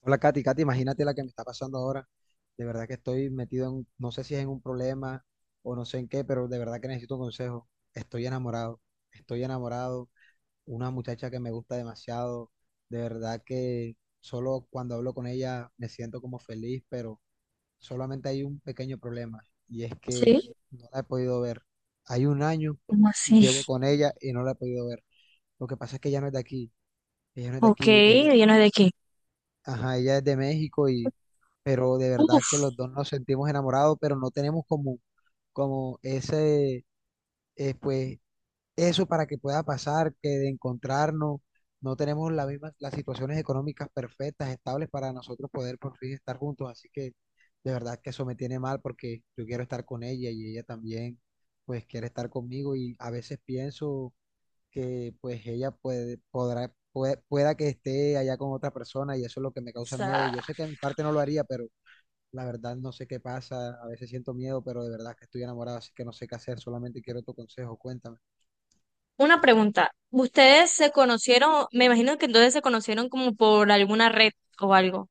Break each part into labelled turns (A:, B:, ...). A: Hola, Katy. Katy, imagínate la que me está pasando ahora. De verdad que estoy metido en, no sé si es en un problema o no sé en qué, pero de verdad que necesito un consejo. Estoy enamorado, estoy enamorado. Una muchacha que me gusta demasiado. De verdad que solo cuando hablo con ella me siento como feliz, pero solamente hay un pequeño problema y es que
B: Sí,
A: no la he podido ver. Hay un año
B: ¿cómo
A: que
B: así?
A: llevo con ella y no la he podido ver. Lo que pasa es que ella no es de aquí. Ella no es de
B: Ok,
A: aquí. Ella
B: ¿lleno de qué?
A: ajá, ella es de México y, pero de verdad que
B: Uf,
A: los dos nos sentimos enamorados, pero no tenemos como, como ese, pues, eso para que pueda pasar, que de encontrarnos, no tenemos la misma, las situaciones económicas perfectas, estables para nosotros poder por fin estar juntos, así que de verdad que eso me tiene mal porque yo quiero estar con ella y ella también, pues, quiere estar conmigo y a veces pienso que pues ella puede, podrá, pueda que esté allá con otra persona y eso es lo que me causa
B: sea,
A: miedo. Yo sé que a mi parte no lo haría, pero la verdad no sé qué pasa. A veces siento miedo, pero de verdad que estoy enamorado, así que no sé qué hacer. Solamente quiero tu consejo, cuéntame.
B: una pregunta. ¿Ustedes se conocieron? Me imagino que entonces se conocieron como por alguna red o algo.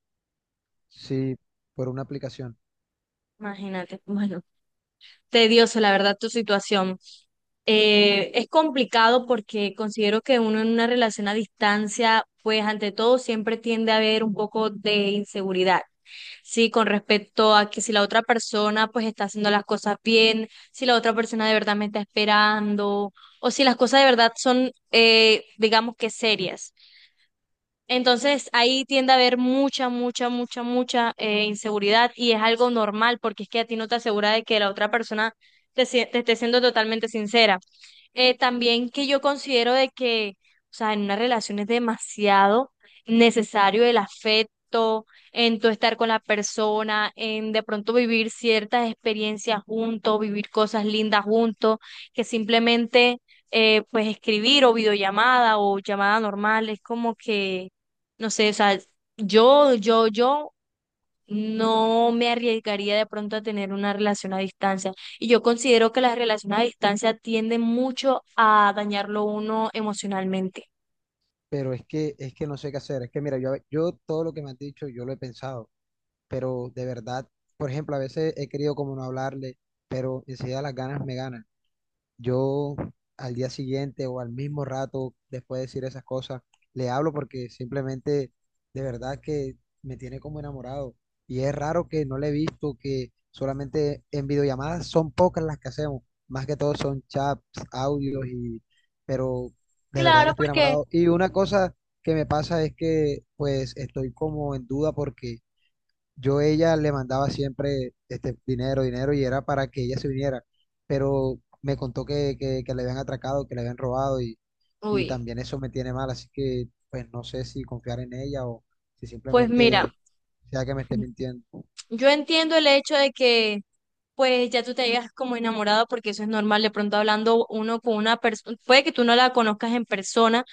A: Sí, por una aplicación.
B: Imagínate. Bueno, tedioso, la verdad, tu situación. Es complicado porque considero que uno en una relación a distancia, pues ante todo siempre tiende a haber un poco de inseguridad. Sí, con respecto a que si la otra persona pues está haciendo las cosas bien, si la otra persona de verdad me está esperando, o si las cosas de verdad son, digamos que serias. Entonces ahí tiende a haber mucha inseguridad y es algo normal porque es que a ti no te asegura de que la otra persona te esté siendo totalmente sincera. También que yo considero de que, o sea, en una relación es demasiado necesario el afecto, en tu estar con la persona, en de pronto vivir ciertas experiencias juntos, vivir cosas lindas juntos, que simplemente pues escribir o videollamada o llamada normal es como que no sé, o sea, yo no me arriesgaría de pronto a tener una relación a distancia. Y yo considero que las relaciones a distancia tienden mucho a dañarlo uno emocionalmente.
A: Pero es que no sé qué hacer. Es que mira, yo todo lo que me has dicho, yo lo he pensado, pero de verdad, por ejemplo, a veces he querido como no hablarle, pero enseguida las ganas me ganan. Yo al día siguiente o al mismo rato, después de decir esas cosas, le hablo porque simplemente de verdad que me tiene como enamorado. Y es raro que no le he visto, que solamente en videollamadas son pocas las que hacemos. Más que todo son chats, audios y... Pero de verdad que
B: Claro,
A: estoy
B: porque,
A: enamorado. Y una cosa que me pasa es que pues estoy como en duda porque yo a ella le mandaba siempre este dinero, dinero y era para que ella se viniera, pero me contó que le habían atracado, que le habían robado y
B: uy,
A: también eso me tiene mal, así que pues no sé si confiar en ella o si
B: pues mira.
A: simplemente sea que me esté mintiendo.
B: Yo entiendo el hecho de que pues ya tú te hayas como enamorado porque eso es normal, de pronto hablando uno con una persona, puede que tú no la conozcas en persona,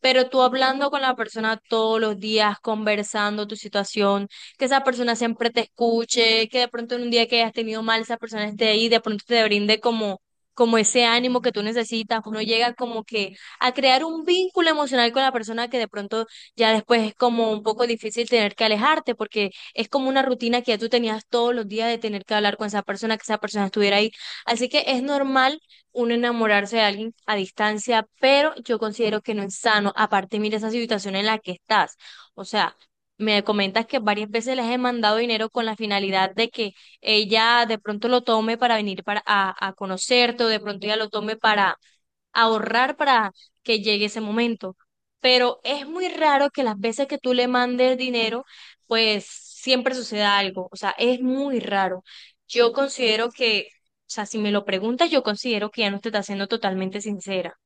B: pero tú hablando con la persona todos los días, conversando tu situación, que esa persona siempre te escuche, que de pronto en un día que hayas tenido mal, esa persona esté ahí, de pronto te brinde como ese ánimo que tú necesitas, uno llega como que a crear un vínculo emocional con la persona que de pronto ya después es como un poco difícil tener que alejarte porque es como una rutina que ya tú tenías todos los días de tener que hablar con esa persona, que esa persona estuviera ahí. Así que es normal uno enamorarse de alguien a distancia, pero yo considero que no es sano. Aparte, mira esa situación en la que estás. O sea, me comentas que varias veces les he mandado dinero con la finalidad de que ella de pronto lo tome para venir a conocerte o de pronto ella lo tome para ahorrar para que llegue ese momento. Pero es muy raro que las veces que tú le mandes dinero, pues siempre suceda algo. O sea, es muy raro. Yo considero que, o sea, si me lo preguntas, yo considero que ya no te está siendo totalmente sincera.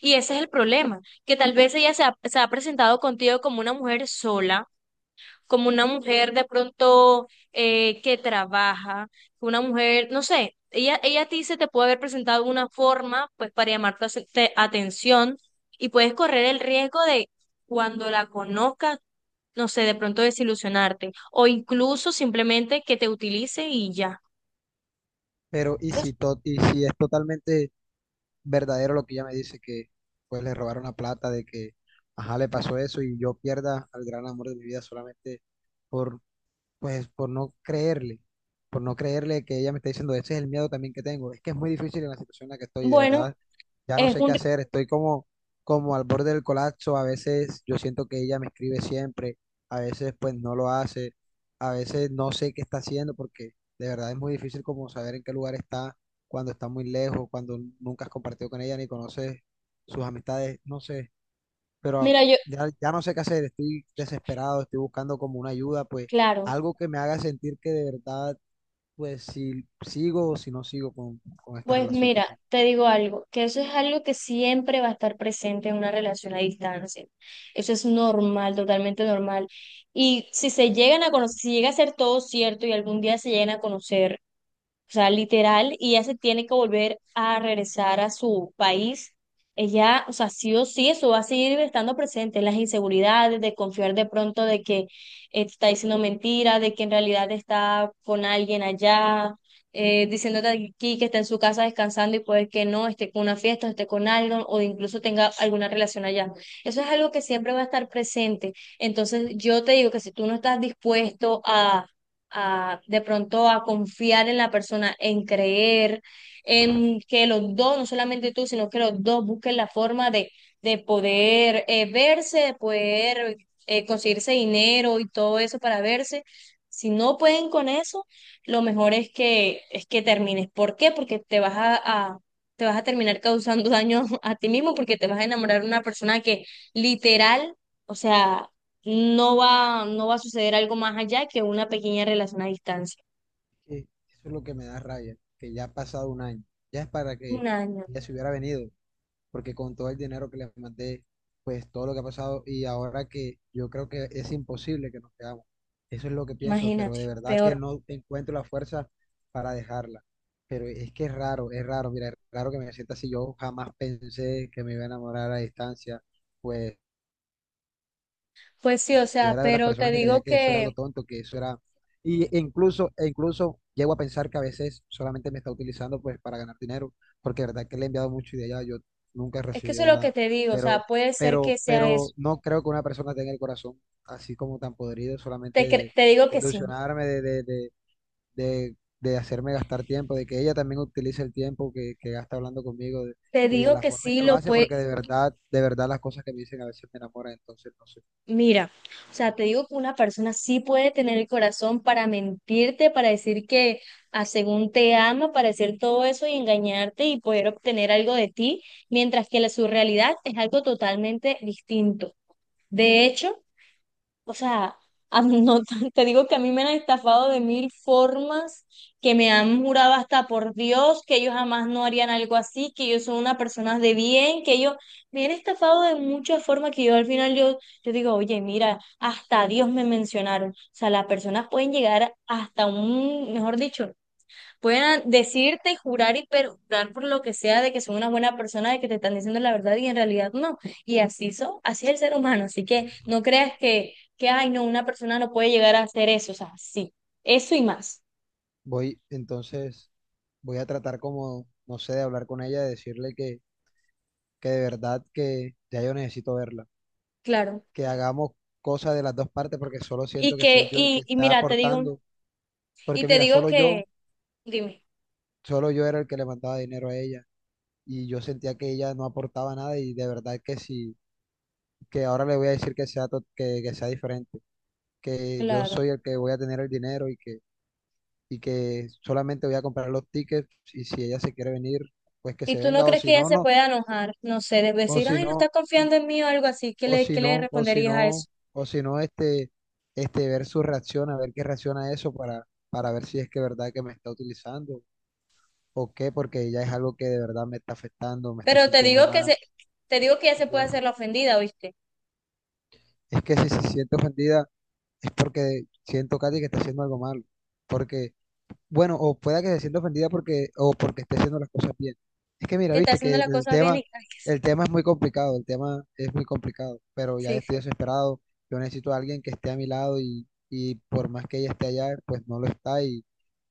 B: Y ese es el problema, que tal vez ella se ha presentado contigo como una mujer sola, como una mujer de pronto que trabaja, una mujer, no sé, ella a ti se te puede haber presentado una forma pues para llamar tu atención y puedes correr el riesgo de cuando la conozcas, no sé, de pronto desilusionarte o incluso simplemente que te utilice y ya.
A: Pero y si,
B: Entonces,
A: y si es totalmente verdadero lo que ella me dice, que pues le robaron la plata, de que, ajá, le pasó eso y yo pierda al gran amor de mi vida solamente pues por no creerle que ella me está diciendo, ese es el miedo también que tengo. Es que es muy difícil en la situación en la que estoy, de
B: bueno,
A: verdad. Ya no
B: es
A: sé qué
B: un...
A: hacer, estoy como, como al borde del colapso. A veces yo siento que ella me escribe siempre, a veces pues no lo hace, a veces no sé qué está haciendo porque de verdad es muy difícil como saber en qué lugar está cuando está muy lejos, cuando nunca has compartido con ella ni conoces sus amistades, no sé pero
B: Mira, yo,
A: ya no sé qué hacer, estoy desesperado, estoy buscando como una ayuda, pues
B: claro.
A: algo que me haga sentir que de verdad, pues si sigo o si no sigo con esta
B: Pues
A: relación que
B: mira,
A: tengo.
B: te digo algo, que eso es algo que siempre va a estar presente en una relación a distancia. Eso es normal, totalmente normal. Y si se llegan a conocer, si llega a ser todo cierto y algún día se llegan a conocer, o sea, literal, y ella se tiene que volver a regresar a su país. Ella, o sea, sí o sí, eso va a seguir estando presente, las inseguridades, de confiar de pronto de que te está diciendo mentira, de que en realidad está con alguien allá, diciéndote aquí que está en su casa descansando y puede que no, esté con una fiesta, esté con algo, o incluso tenga alguna relación allá. Eso es algo que siempre va a estar presente. Entonces, yo te digo que si tú no estás dispuesto a de pronto a confiar en la persona, en creer, en que los dos, no solamente tú, sino que los dos busquen la forma de poder verse, de poder conseguirse dinero y todo eso para verse. Si no pueden con eso, lo mejor es que termines. ¿Por qué? Porque a- te vas a terminar causando daño a ti mismo porque te vas a enamorar de una persona que literal, o sea, no va a suceder algo más allá que una pequeña relación a distancia.
A: Que eso es lo que me da rabia, que ya ha pasado un año, ya es para que
B: Un año,
A: ella se hubiera venido, porque con todo el dinero que les mandé, pues todo lo que ha pasado y ahora que yo creo que es imposible que nos quedamos. Eso es lo que pienso, pero
B: imagínate,
A: de verdad que
B: peor.
A: no encuentro la fuerza para dejarla. Pero es que es raro, mira, es raro que me sienta así. Yo jamás pensé que me iba a enamorar a distancia, pues
B: Pues sí, o
A: yo
B: sea,
A: era de las
B: pero te
A: personas que creía
B: digo
A: que eso era
B: que,
A: algo tonto, que eso era... Y e incluso llego a pensar que a veces solamente me está utilizando pues para ganar dinero, porque de verdad que le he enviado mucho y de allá yo nunca he
B: es que eso es
A: recibido
B: lo que
A: nada.
B: te digo, o sea,
A: Pero,
B: puede ser
A: pero,
B: que sea eso.
A: pero no creo que una persona tenga el corazón así como tan podrido, solamente de
B: Te digo que sí,
A: ilusionarme, de hacerme gastar tiempo, de que ella también utilice el tiempo que gasta hablando conmigo de-
B: te
A: y de
B: digo
A: la
B: que
A: forma en
B: sí
A: que lo
B: lo
A: hace,
B: puede,
A: porque de verdad las cosas que me dicen a veces me enamoran, entonces no sé.
B: mira, o sea, te digo que una persona sí puede tener el corazón para mentirte, para decir que a según te ama, para decir todo eso y engañarte y poder obtener algo de ti, mientras que su realidad es algo totalmente distinto. De hecho, o sea, a mí no, te digo que a mí me han estafado de mil formas, que me han jurado hasta por Dios que ellos jamás no harían algo así, que ellos son una persona de bien, que ellos me han estafado de muchas formas que yo al final yo, yo digo, oye, mira, hasta a Dios me mencionaron. O sea, las personas pueden llegar hasta un, mejor dicho, puedan decirte, jurar y perjurar por lo que sea de que son una buena persona, de que te están diciendo la verdad y en realidad no. Y así son, así es el ser humano. Así que no creas que, ay, no, una persona no puede llegar a hacer eso. O sea, sí, eso y más,
A: Voy, entonces, voy a tratar como, no sé, de hablar con ella, de decirle que de verdad que ya yo necesito verla,
B: claro.
A: que hagamos cosas de las dos partes porque solo siento que soy yo el que
B: Y
A: está
B: mira, te digo,
A: aportando, porque
B: te
A: mira,
B: digo que, dime,
A: solo yo era el que le mandaba dinero a ella y yo sentía que ella no aportaba nada y de verdad que sí, que ahora le voy a decir que sea, que sea diferente, que yo
B: claro.
A: soy el que voy a tener el dinero y que solamente voy a comprar los tickets y si ella se quiere venir, pues que
B: ¿Y
A: se
B: tú no
A: venga o
B: crees que
A: si
B: ella
A: no,
B: se
A: no.
B: pueda enojar? No sé, de
A: O
B: decir,
A: si
B: ay, no estás
A: no,
B: confiando en mí o algo así.
A: o si
B: ¿Qué le
A: no, o si
B: responderías a eso?
A: no, o si no, este, ver su reacción, a ver qué reacciona a eso para ver si es que verdad que me está utilizando o qué, porque ya es algo que de verdad me está afectando, me estoy
B: Pero te
A: sintiendo
B: digo que
A: mal.
B: se, te digo que ella se puede
A: Ya.
B: hacer la ofendida, ¿oíste?
A: Es que si se siente ofendida es porque siento, Katy, que está haciendo algo malo, porque bueno, o pueda que se sienta ofendida porque, o porque esté haciendo las cosas bien. Es que mira,
B: Que está
A: viste que
B: haciendo las cosas bien y
A: el tema es muy complicado, el tema es muy complicado, pero ya
B: sí,
A: estoy
B: sí.
A: desesperado, yo necesito a alguien que esté a mi lado y por más que ella esté allá, pues no lo está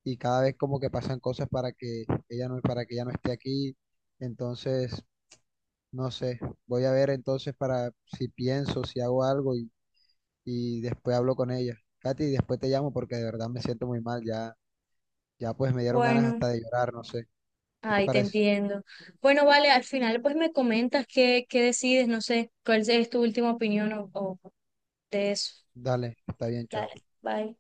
A: y cada vez como que pasan cosas para que ella no, para que ella no esté aquí, entonces, no sé, voy a ver entonces para si pienso, si hago algo y después hablo con ella. Katy, después te llamo porque de verdad me siento muy mal ya ya pues me dieron ganas
B: Bueno,
A: hasta de llorar, no sé. ¿Qué te
B: ahí te
A: parece?
B: entiendo. Bueno, vale, al final pues me comentas qué decides, no sé, cuál es tu última opinión o de eso.
A: Dale, está bien, chao.
B: Dale, bye.